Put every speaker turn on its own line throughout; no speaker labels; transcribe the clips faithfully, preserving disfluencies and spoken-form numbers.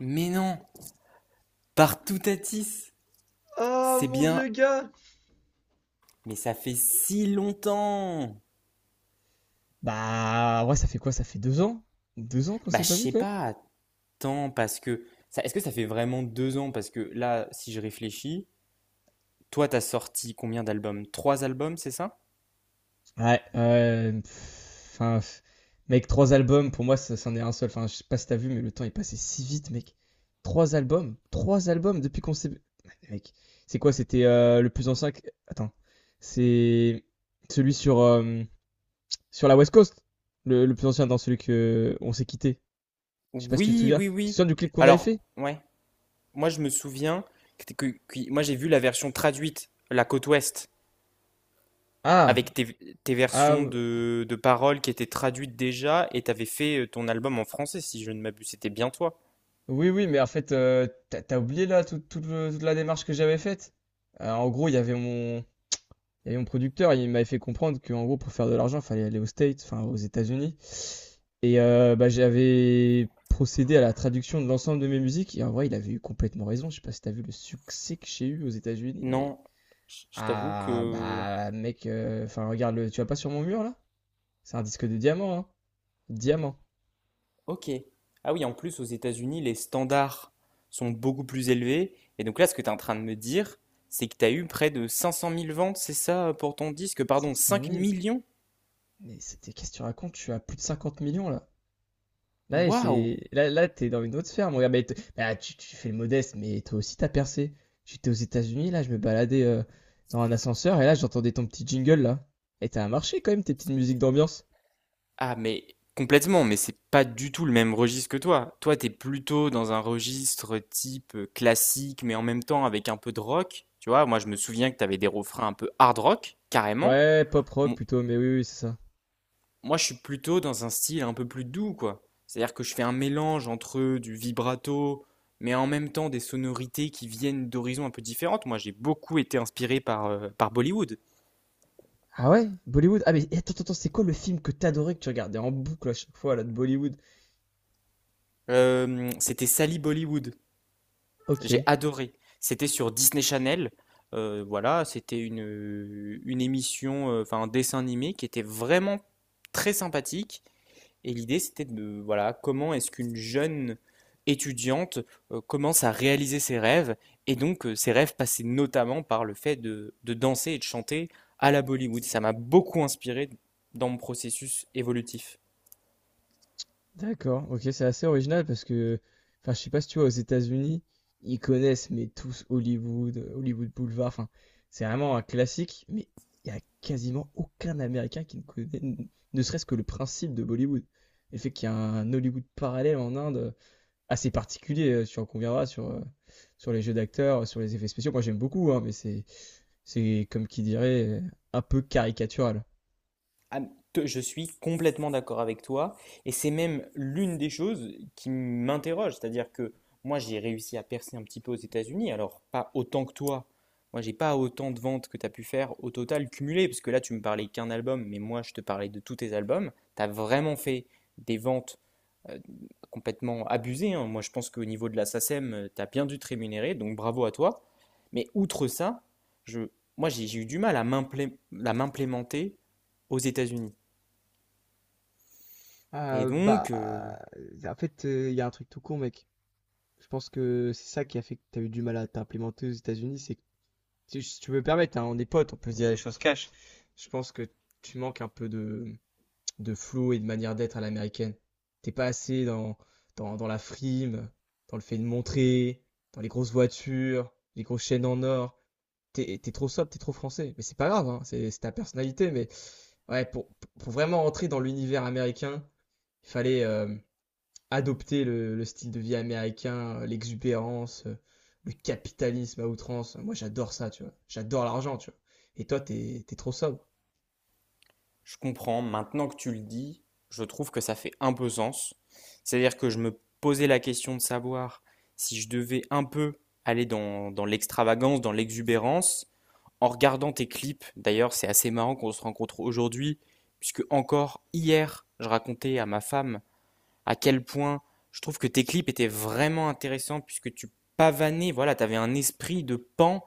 Mais non, partout Tatis.
Ah,
C'est
mon
bien,
vieux gars!
mais ça fait si longtemps.
Bah, ouais, ça fait quoi? Ça fait deux ans? Deux ans qu'on
Bah,
s'est
je
pas vu,
sais
quoi?
pas, attends, parce que. ça- est-ce que ça fait vraiment deux ans? Parce que là, si je réfléchis, toi, t'as sorti combien d'albums? Trois albums, c'est ça?
Ouais, euh, pff, enfin, pff, mec, trois albums, pour moi, ça, c'en est un seul. Enfin, je sais pas si t'as vu, mais le temps est passé si vite, mec. Trois albums, trois albums depuis qu'on s'est. Mec, c'est quoi? C'était euh, le plus ancien. que- Attends, c'est celui sur, euh, sur la West Coast, le, le plus ancien, dans celui que on s'est quitté. Je sais pas si tu te
Oui,
souviens.
oui,
Tu te
oui.
souviens du clip qu'on avait
Alors,
fait?
ouais, moi, je me souviens que, que- que- moi, j'ai vu la version traduite, la côte ouest, avec
Ah,
tes, tes versions
ah,
de, de paroles qui étaient traduites déjà, et t'avais fait euh, ton album en français, si je ne m'abuse. C'était bien toi.
oui, oui, mais en fait, euh, t'as, t'as oublié là tout- tout le- toute la démarche que j'avais faite. Euh, en gros, il y avait mon, il y avait mon producteur, il m'avait fait comprendre qu'en gros, pour faire de l'argent, il fallait aller aux States, enfin aux États-Unis. Et euh, bah, j'avais procédé à la traduction de l'ensemble de mes musiques. Et en vrai, il avait eu complètement raison. Je sais pas si t'as vu le succès que j'ai eu aux États-Unis, mais
Non, je je t'avoue
ah
que...
bah mec, euh, enfin regarde, le... tu vas pas sur mon mur là? C'est un disque de diamant, hein? Diamant.
Ok. Ah oui, en plus, aux États-Unis, les standards sont beaucoup plus élevés. Et donc là, ce que tu es en train de me dire, c'est que tu as eu près de cinq cent mille ventes, c'est ça, pour ton disque?
cinq
Pardon,
cent
cinq
mille
millions?
Mais c'était qu'est-ce que tu racontes? Tu as plus de cinquante millions là. Là,
Waouh!
c'est là, là, t'es dans une autre sphère, mon gars. Mais t- bah, tu, tu fais le modeste, mais toi aussi t'as percé. J'étais aux États-Unis, là, je me baladais euh, dans un ascenseur et là, j'entendais ton petit jingle là. Et t'as un marché quand même, tes petites musiques d'ambiance.
Ah, mais complètement, mais c'est pas du tout le même registre que toi. Toi, t'es plutôt dans un registre type euh, classique, mais en même temps avec un peu de rock. Tu vois, moi, je me souviens que t'avais des refrains un peu hard rock, carrément.
Ouais, pop rock plutôt, mais oui, oui, c'est ça.
Moi, je suis plutôt dans un style un peu plus doux, quoi. C'est-à-dire que je fais un mélange entre du vibrato, mais en même temps des sonorités qui viennent d'horizons un peu différentes. Moi, j'ai beaucoup été inspiré par, euh, par Bollywood.
Ah ouais, Bollywood. Ah mais attends, attends, attends, c'est quoi le film que t'adorais que tu regardais en boucle à chaque fois là de Bollywood?
Euh, c'était Sally Bollywood.
Ok.
J'ai adoré. C'était sur Disney Channel. Euh, voilà, c'était une, une émission, euh, enfin un dessin animé qui était vraiment très sympathique. Et l'idée, c'était de, voilà, comment est-ce qu'une jeune étudiante euh, commence à réaliser ses rêves. Et donc, euh, ses rêves passaient notamment par le fait de, de danser et de chanter à la Bollywood. Ça m'a beaucoup inspiré dans mon processus évolutif.
D'accord, ok, c'est assez original parce que, enfin, je sais pas si tu vois, aux États-Unis, ils connaissent, mais tous Hollywood, euh, Hollywood Boulevard, enfin, c'est vraiment un classique, mais il y a quasiment aucun Américain qui ne connaît, n- ne serait-ce que le principe de Bollywood. Et le fait qu'il y a un Hollywood parallèle en Inde euh, assez particulier, euh, tu en conviendras, sur, euh, sur les jeux d'acteurs, euh, sur les effets spéciaux. Moi, j'aime beaucoup, hein, mais c'est, c'est comme qui dirait, euh, un peu caricatural.
Ah, te- je suis complètement d'accord avec toi, et c'est même l'une des choses qui m'interroge, c'est-à-dire que moi j'ai réussi à percer un petit peu aux États-Unis, alors pas autant que toi. Moi j'ai pas autant de ventes que tu as pu faire au total cumulé, parce que là tu me parlais qu'un album, mais moi je te parlais de tous tes albums. Tu as vraiment fait des ventes euh, complètement abusées, hein. Moi je pense qu'au niveau de la S A C E M, tu as bien dû te rémunérer, donc bravo à toi. Mais outre ça, je, moi j'ai j'ai eu du mal à m'implé- à m'implémenter aux États-Unis.
Ah
Et
bah,
donc, euh,
en fait, il y a un truc tout con, mec. Je pense que c'est ça qui a fait que tu as eu du mal à t'implémenter aux États-Unis. C'est que, si si tu veux me permettre, hein, on est potes, on peut se dire les choses cash. Je pense que tu manques un peu de, de flow et de manière d'être à l'américaine. T'es pas assez dans, dans, dans la frime, dans le fait de montrer, dans les grosses voitures, les grosses chaînes en or. T'es, t'es trop sobre, t'es trop français. Mais c'est pas grave, hein, c'est, c'est ta personnalité. Mais ouais, pour, pour vraiment entrer dans l'univers américain, il fallait, euh, adopter le, le style de vie américain, euh, l'exubérance, euh, le capitalisme à outrance. Moi, j'adore ça, tu vois. J'adore l'argent, tu vois. Et toi, t'es, t'es trop sobre.
je comprends, maintenant que tu le dis, je trouve que ça fait un peu sens. C'est-à-dire que je me posais la question de savoir si je devais un peu aller dans, dans l'extravagance, dans l'exubérance, en regardant tes clips. D'ailleurs, c'est assez marrant qu'on se rencontre aujourd'hui, puisque encore hier, je racontais à ma femme à quel point je trouve que tes clips étaient vraiment intéressants puisque tu pavanais, voilà, tu avais un esprit de pan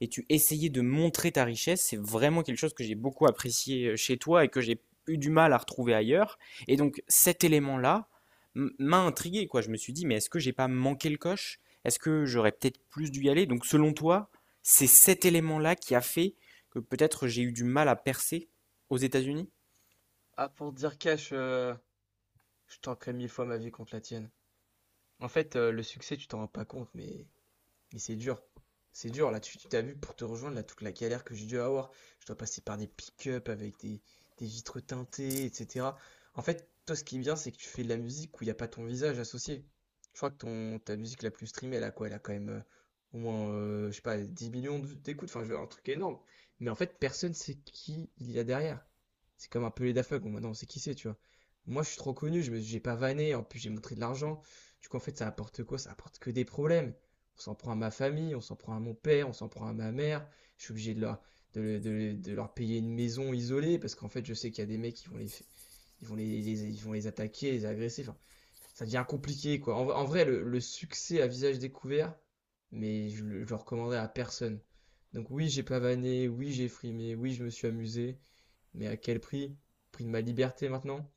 et tu essayais de montrer ta richesse. C'est vraiment quelque chose que j'ai beaucoup apprécié euh, chez toi et que j'ai eu du mal à retrouver ailleurs. Et donc cet élément-là m'a intrigué, quoi. Je me suis dit, mais est-ce que j'ai pas manqué le coche? Est-ce que j'aurais peut-être plus dû y aller? Donc selon toi, c'est cet élément-là qui a fait que peut-être j'ai eu du mal à percer aux États-Unis?
Ah, pour te dire cash, euh, je tanquerais mille fois ma vie contre la tienne. En fait, euh, le succès, tu t'en rends pas compte, mais Mais c'est dur. C'est dur, là, tu tu t'as vu pour te rejoindre, là, toute la galère que j'ai dû avoir. Je dois passer par des pick-up avec des, des vitres teintées, et cetera. En fait, toi, ce qui est bien, c'est que tu fais de la musique où il n'y a pas ton visage associé. Je crois que ton, ta musique la plus streamée, elle a quoi? Elle a quand même euh, au moins, euh, je sais pas, dix millions de- d'écoutes. Enfin, je veux dire, un truc énorme. Mais en fait, personne sait qui il y a derrière. C'est comme un peu les Daft Punk. Bon, maintenant, on sait qui c'est, tu vois. Moi, je suis trop connu, je me, j'ai pas vanné, en plus, j'ai montré de l'argent. Du coup, en fait, ça apporte quoi? Ça apporte que des problèmes. On s'en prend à ma famille, on s'en prend à mon père, on s'en prend à ma mère. Je suis obligé de leur, de, de de leur payer une maison isolée parce qu'en fait, je sais qu'il y a des mecs qui vont les, ils vont les, les- ils vont les attaquer, les agresser. Enfin, ça devient compliqué, quoi. En, en vrai, le, le succès à visage découvert, mais je le, je le recommanderais à personne. Donc oui, j'ai pavané, oui, j'ai frimé, oui, je me suis amusé, mais à quel prix? Prix de ma liberté maintenant?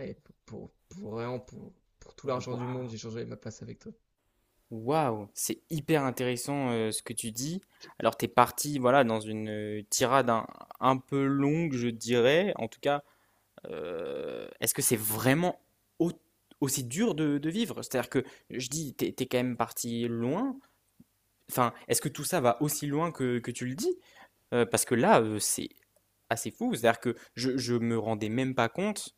Et pour, pour vraiment, pour, pour tout l'argent du monde,
Waouh.
j'ai changé ma place avec toi.
Waouh, c'est hyper intéressant euh, ce que tu dis. Alors t'es parti voilà dans une euh, tirade un, un peu longue, je dirais. En tout cas, euh, est-ce que c'est vraiment au- aussi dur de, de vivre? C'est-à-dire que je dis t'es t'es quand même parti loin. Enfin, est-ce que tout ça va aussi loin que, que tu le dis? Euh, parce que là, euh, c'est assez fou. C'est-à-dire que je, je me rendais même pas compte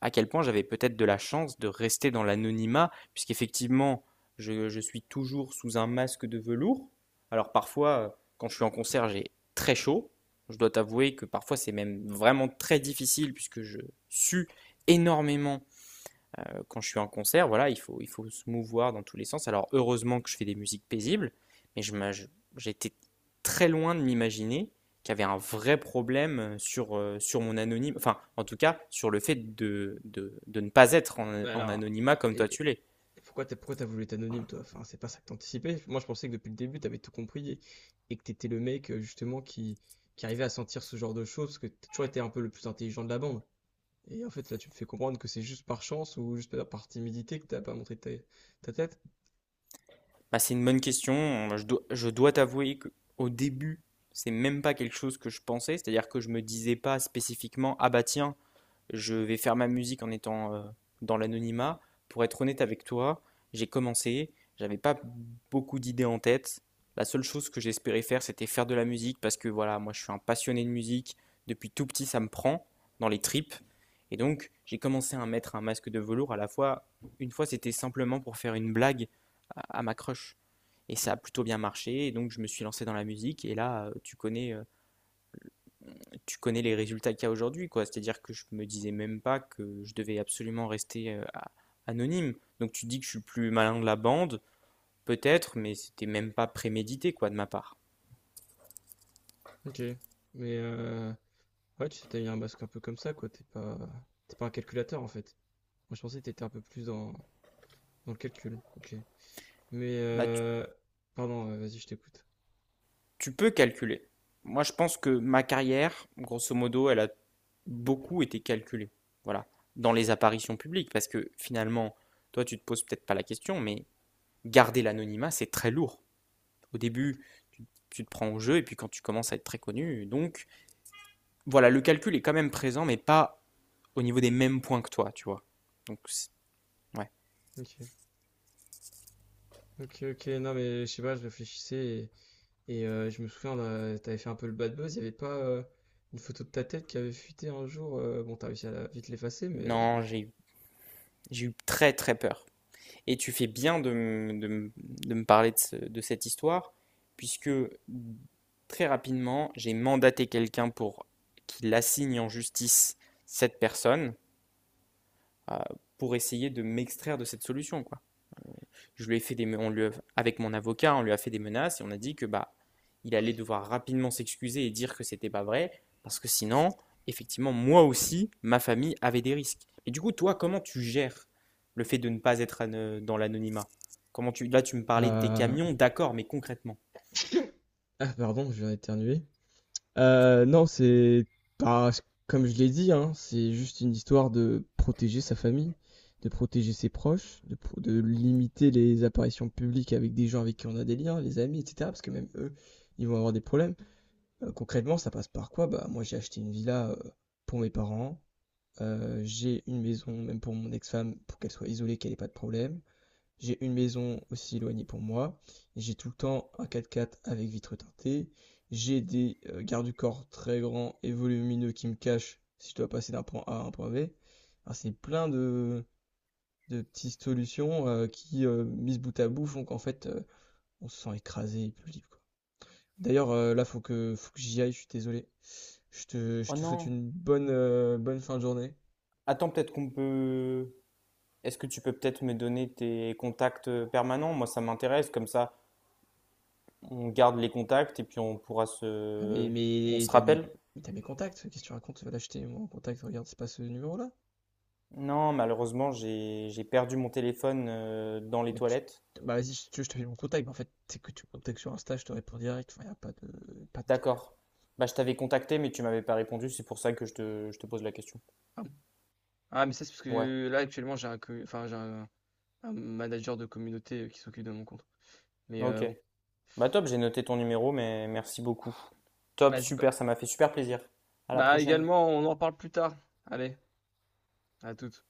à quel point j'avais peut-être de la chance de rester dans l'anonymat, puisqu'effectivement, je, je suis toujours sous un masque de velours. Alors parfois, euh, quand je suis en concert, j'ai très chaud. Je dois t'avouer que parfois c'est même vraiment très difficile puisque je sue énormément quand je suis en concert. Voilà, il faut, il faut se mouvoir dans tous les sens. Alors heureusement que je fais des musiques paisibles, mais je m'a- je- j'étais très loin de m'imaginer qu'il y avait un vrai problème euh, sur, euh, sur mon anonyme, enfin en tout cas sur le fait de, de, de ne pas être en,
Bah
en
alors,
anonymat
euh,
comme toi
et,
tu l'es.
et pourquoi t'as, pourquoi t'as voulu être anonyme, toi? Enfin, c'est pas ça que t'anticipais. Moi, je pensais que depuis le début, t'avais tout compris et, et que t'étais le mec, euh, justement, qui, qui arrivait à sentir ce genre de choses, parce que t'as toujours été un peu le plus intelligent de la bande. Et en fait, là, tu me fais comprendre que c'est juste par chance ou juste par par timidité que t'as pas montré ta, ta tête.
Bah, c'est une bonne question, je dois, je dois t'avouer qu'au début, c'est même pas quelque chose que je pensais, c'est-à-dire que je me disais pas spécifiquement, ah bah tiens, je vais faire ma musique en étant euh, dans l'anonymat. Pour être honnête avec toi, j'ai commencé, j'avais pas beaucoup d'idées en tête. La seule chose que j'espérais faire, c'était faire de la musique parce que voilà, moi je suis un passionné de musique. Depuis tout petit, ça me prend dans les tripes. Et donc, j'ai commencé à mettre un masque de velours à la fois. Une fois, c'était simplement pour faire une blague à, à ma crush. Et ça a plutôt bien marché. Et donc, je me suis lancé dans la musique. Et là, euh, tu connais euh, tu connais les résultats qu'il y a aujourd'hui, quoi. C'est-à-dire que je me disais même pas que je devais absolument rester euh, a- anonyme. Donc tu dis que je suis le plus malin de la bande, peut-être, mais c'était même pas prémédité, quoi, de ma part.
Ok. Mais, euh, ouais, tu sais, t'as eu un masque un peu comme ça, quoi. T'es pas, t'es pas un calculateur, en fait. Moi, je pensais que t'étais un peu plus dans, dans le calcul. Ok. Mais,
Bah, tu,
euh, pardon, euh, vas-y, je t'écoute.
tu peux calculer. Moi, je pense que ma carrière, grosso modo, elle a beaucoup été calculée. Voilà. Dans les apparitions publiques, parce que finalement, toi, tu te poses peut-être pas la question, mais garder l'anonymat, c'est très lourd. Au début,
Attends.
tu te prends au jeu, et puis quand tu commences à être très connu, donc voilà, le calcul est quand même présent, mais pas au niveau des mêmes points que toi, tu vois. Donc, ouais.
Ok. Ok, ok, non mais je sais pas, je réfléchissais et, et, euh, je me souviens, là, t'avais fait un peu le bad buzz, il y avait pas euh, une photo de ta tête qui avait fuité un jour, euh, bon t'as réussi à la- vite l'effacer mais...
Non, j'ai j'ai eu très très peur. Et tu fais bien de, me- de me de me parler de, ce- de cette histoire, puisque très rapidement, j'ai mandaté quelqu'un pour qu'il assigne en justice cette personne euh, pour essayer de m'extraire de cette solution, quoi. Je lui ai fait des, on lui a- avec mon avocat, on lui a fait des menaces et on a dit que bah, il allait devoir rapidement s'excuser et dire que c'était pas vrai parce que sinon, effectivement, moi aussi, ma famille avait des risques. Et du coup, toi, comment tu gères le fait de ne pas être dans l'anonymat? Comment tu, là, tu me parlais de tes
Euh,
camions, d'accord, mais concrètement.
Ah, pardon, je viens d'éternuer. Euh, non, c'est pas, comme je l'ai dit, hein, c'est juste une histoire de protéger sa famille, de protéger ses proches, de, pro- de limiter les apparitions publiques avec des gens avec qui on a des liens, les amis, et cetera. Parce que même eux, ils vont avoir des problèmes. Euh, concrètement, ça passe par quoi? Bah, moi, j'ai acheté une villa euh, pour mes parents. Euh, j'ai une maison, même pour mon ex-femme, pour qu'elle soit isolée, qu'elle ait pas de problème. J'ai une maison aussi éloignée pour moi. J'ai tout le temps un quatre-quatre avec vitre teintée. J'ai des euh, gardes du corps très grands et volumineux qui me cachent si je dois passer d'un point A à un point B. Enfin, c'est plein de, de petites solutions euh, qui, euh, mises bout à bout, font qu'en fait, euh, on se sent écrasé et plus libre. D'ailleurs, euh, là, faut que, faut que j'y aille, je suis désolé. Je te, je
Oh
te souhaite
non,
une bonne, euh, bonne fin de journée.
attends, peut-être qu'on peut. Est-ce que tu peux peut-être me donner tes contacts permanents? Moi, ça m'intéresse, comme ça, on garde les contacts et puis on pourra
Ah, mais,
se. On
mais
se
t'as mes,
rappelle?
mais t'as mes contacts, qu'est-ce que tu racontes? Là, je t'ai mon contact, regarde, c'est pas ce numéro-là.
Non, malheureusement, j'ai j'ai perdu mon téléphone euh, dans les
Mais tu,
toilettes.
Bah, vas-y, si tu veux, je te fais mon contact, mais en fait, c'est que tu me contactes sur Insta, je te réponds direct, enfin, y a pas de, pas de galère.
D'accord. Bah, je t'avais contacté, mais tu m'avais pas répondu. C'est pour ça que je te, je te pose la question.
Ah, ah, mais ça, c'est parce
Ouais.
que là, actuellement, j'ai un, co- enfin, j'ai un, un manager de communauté euh, qui s'occupe de mon compte. Mais euh,
Ok.
bon,
Bah, top, j'ai noté ton numéro, mais merci beaucoup. Top,
vas-y, bah,
super, ça m'a fait super plaisir. À la
bah
prochaine.
également, on en reparle plus tard. Allez, à toutes.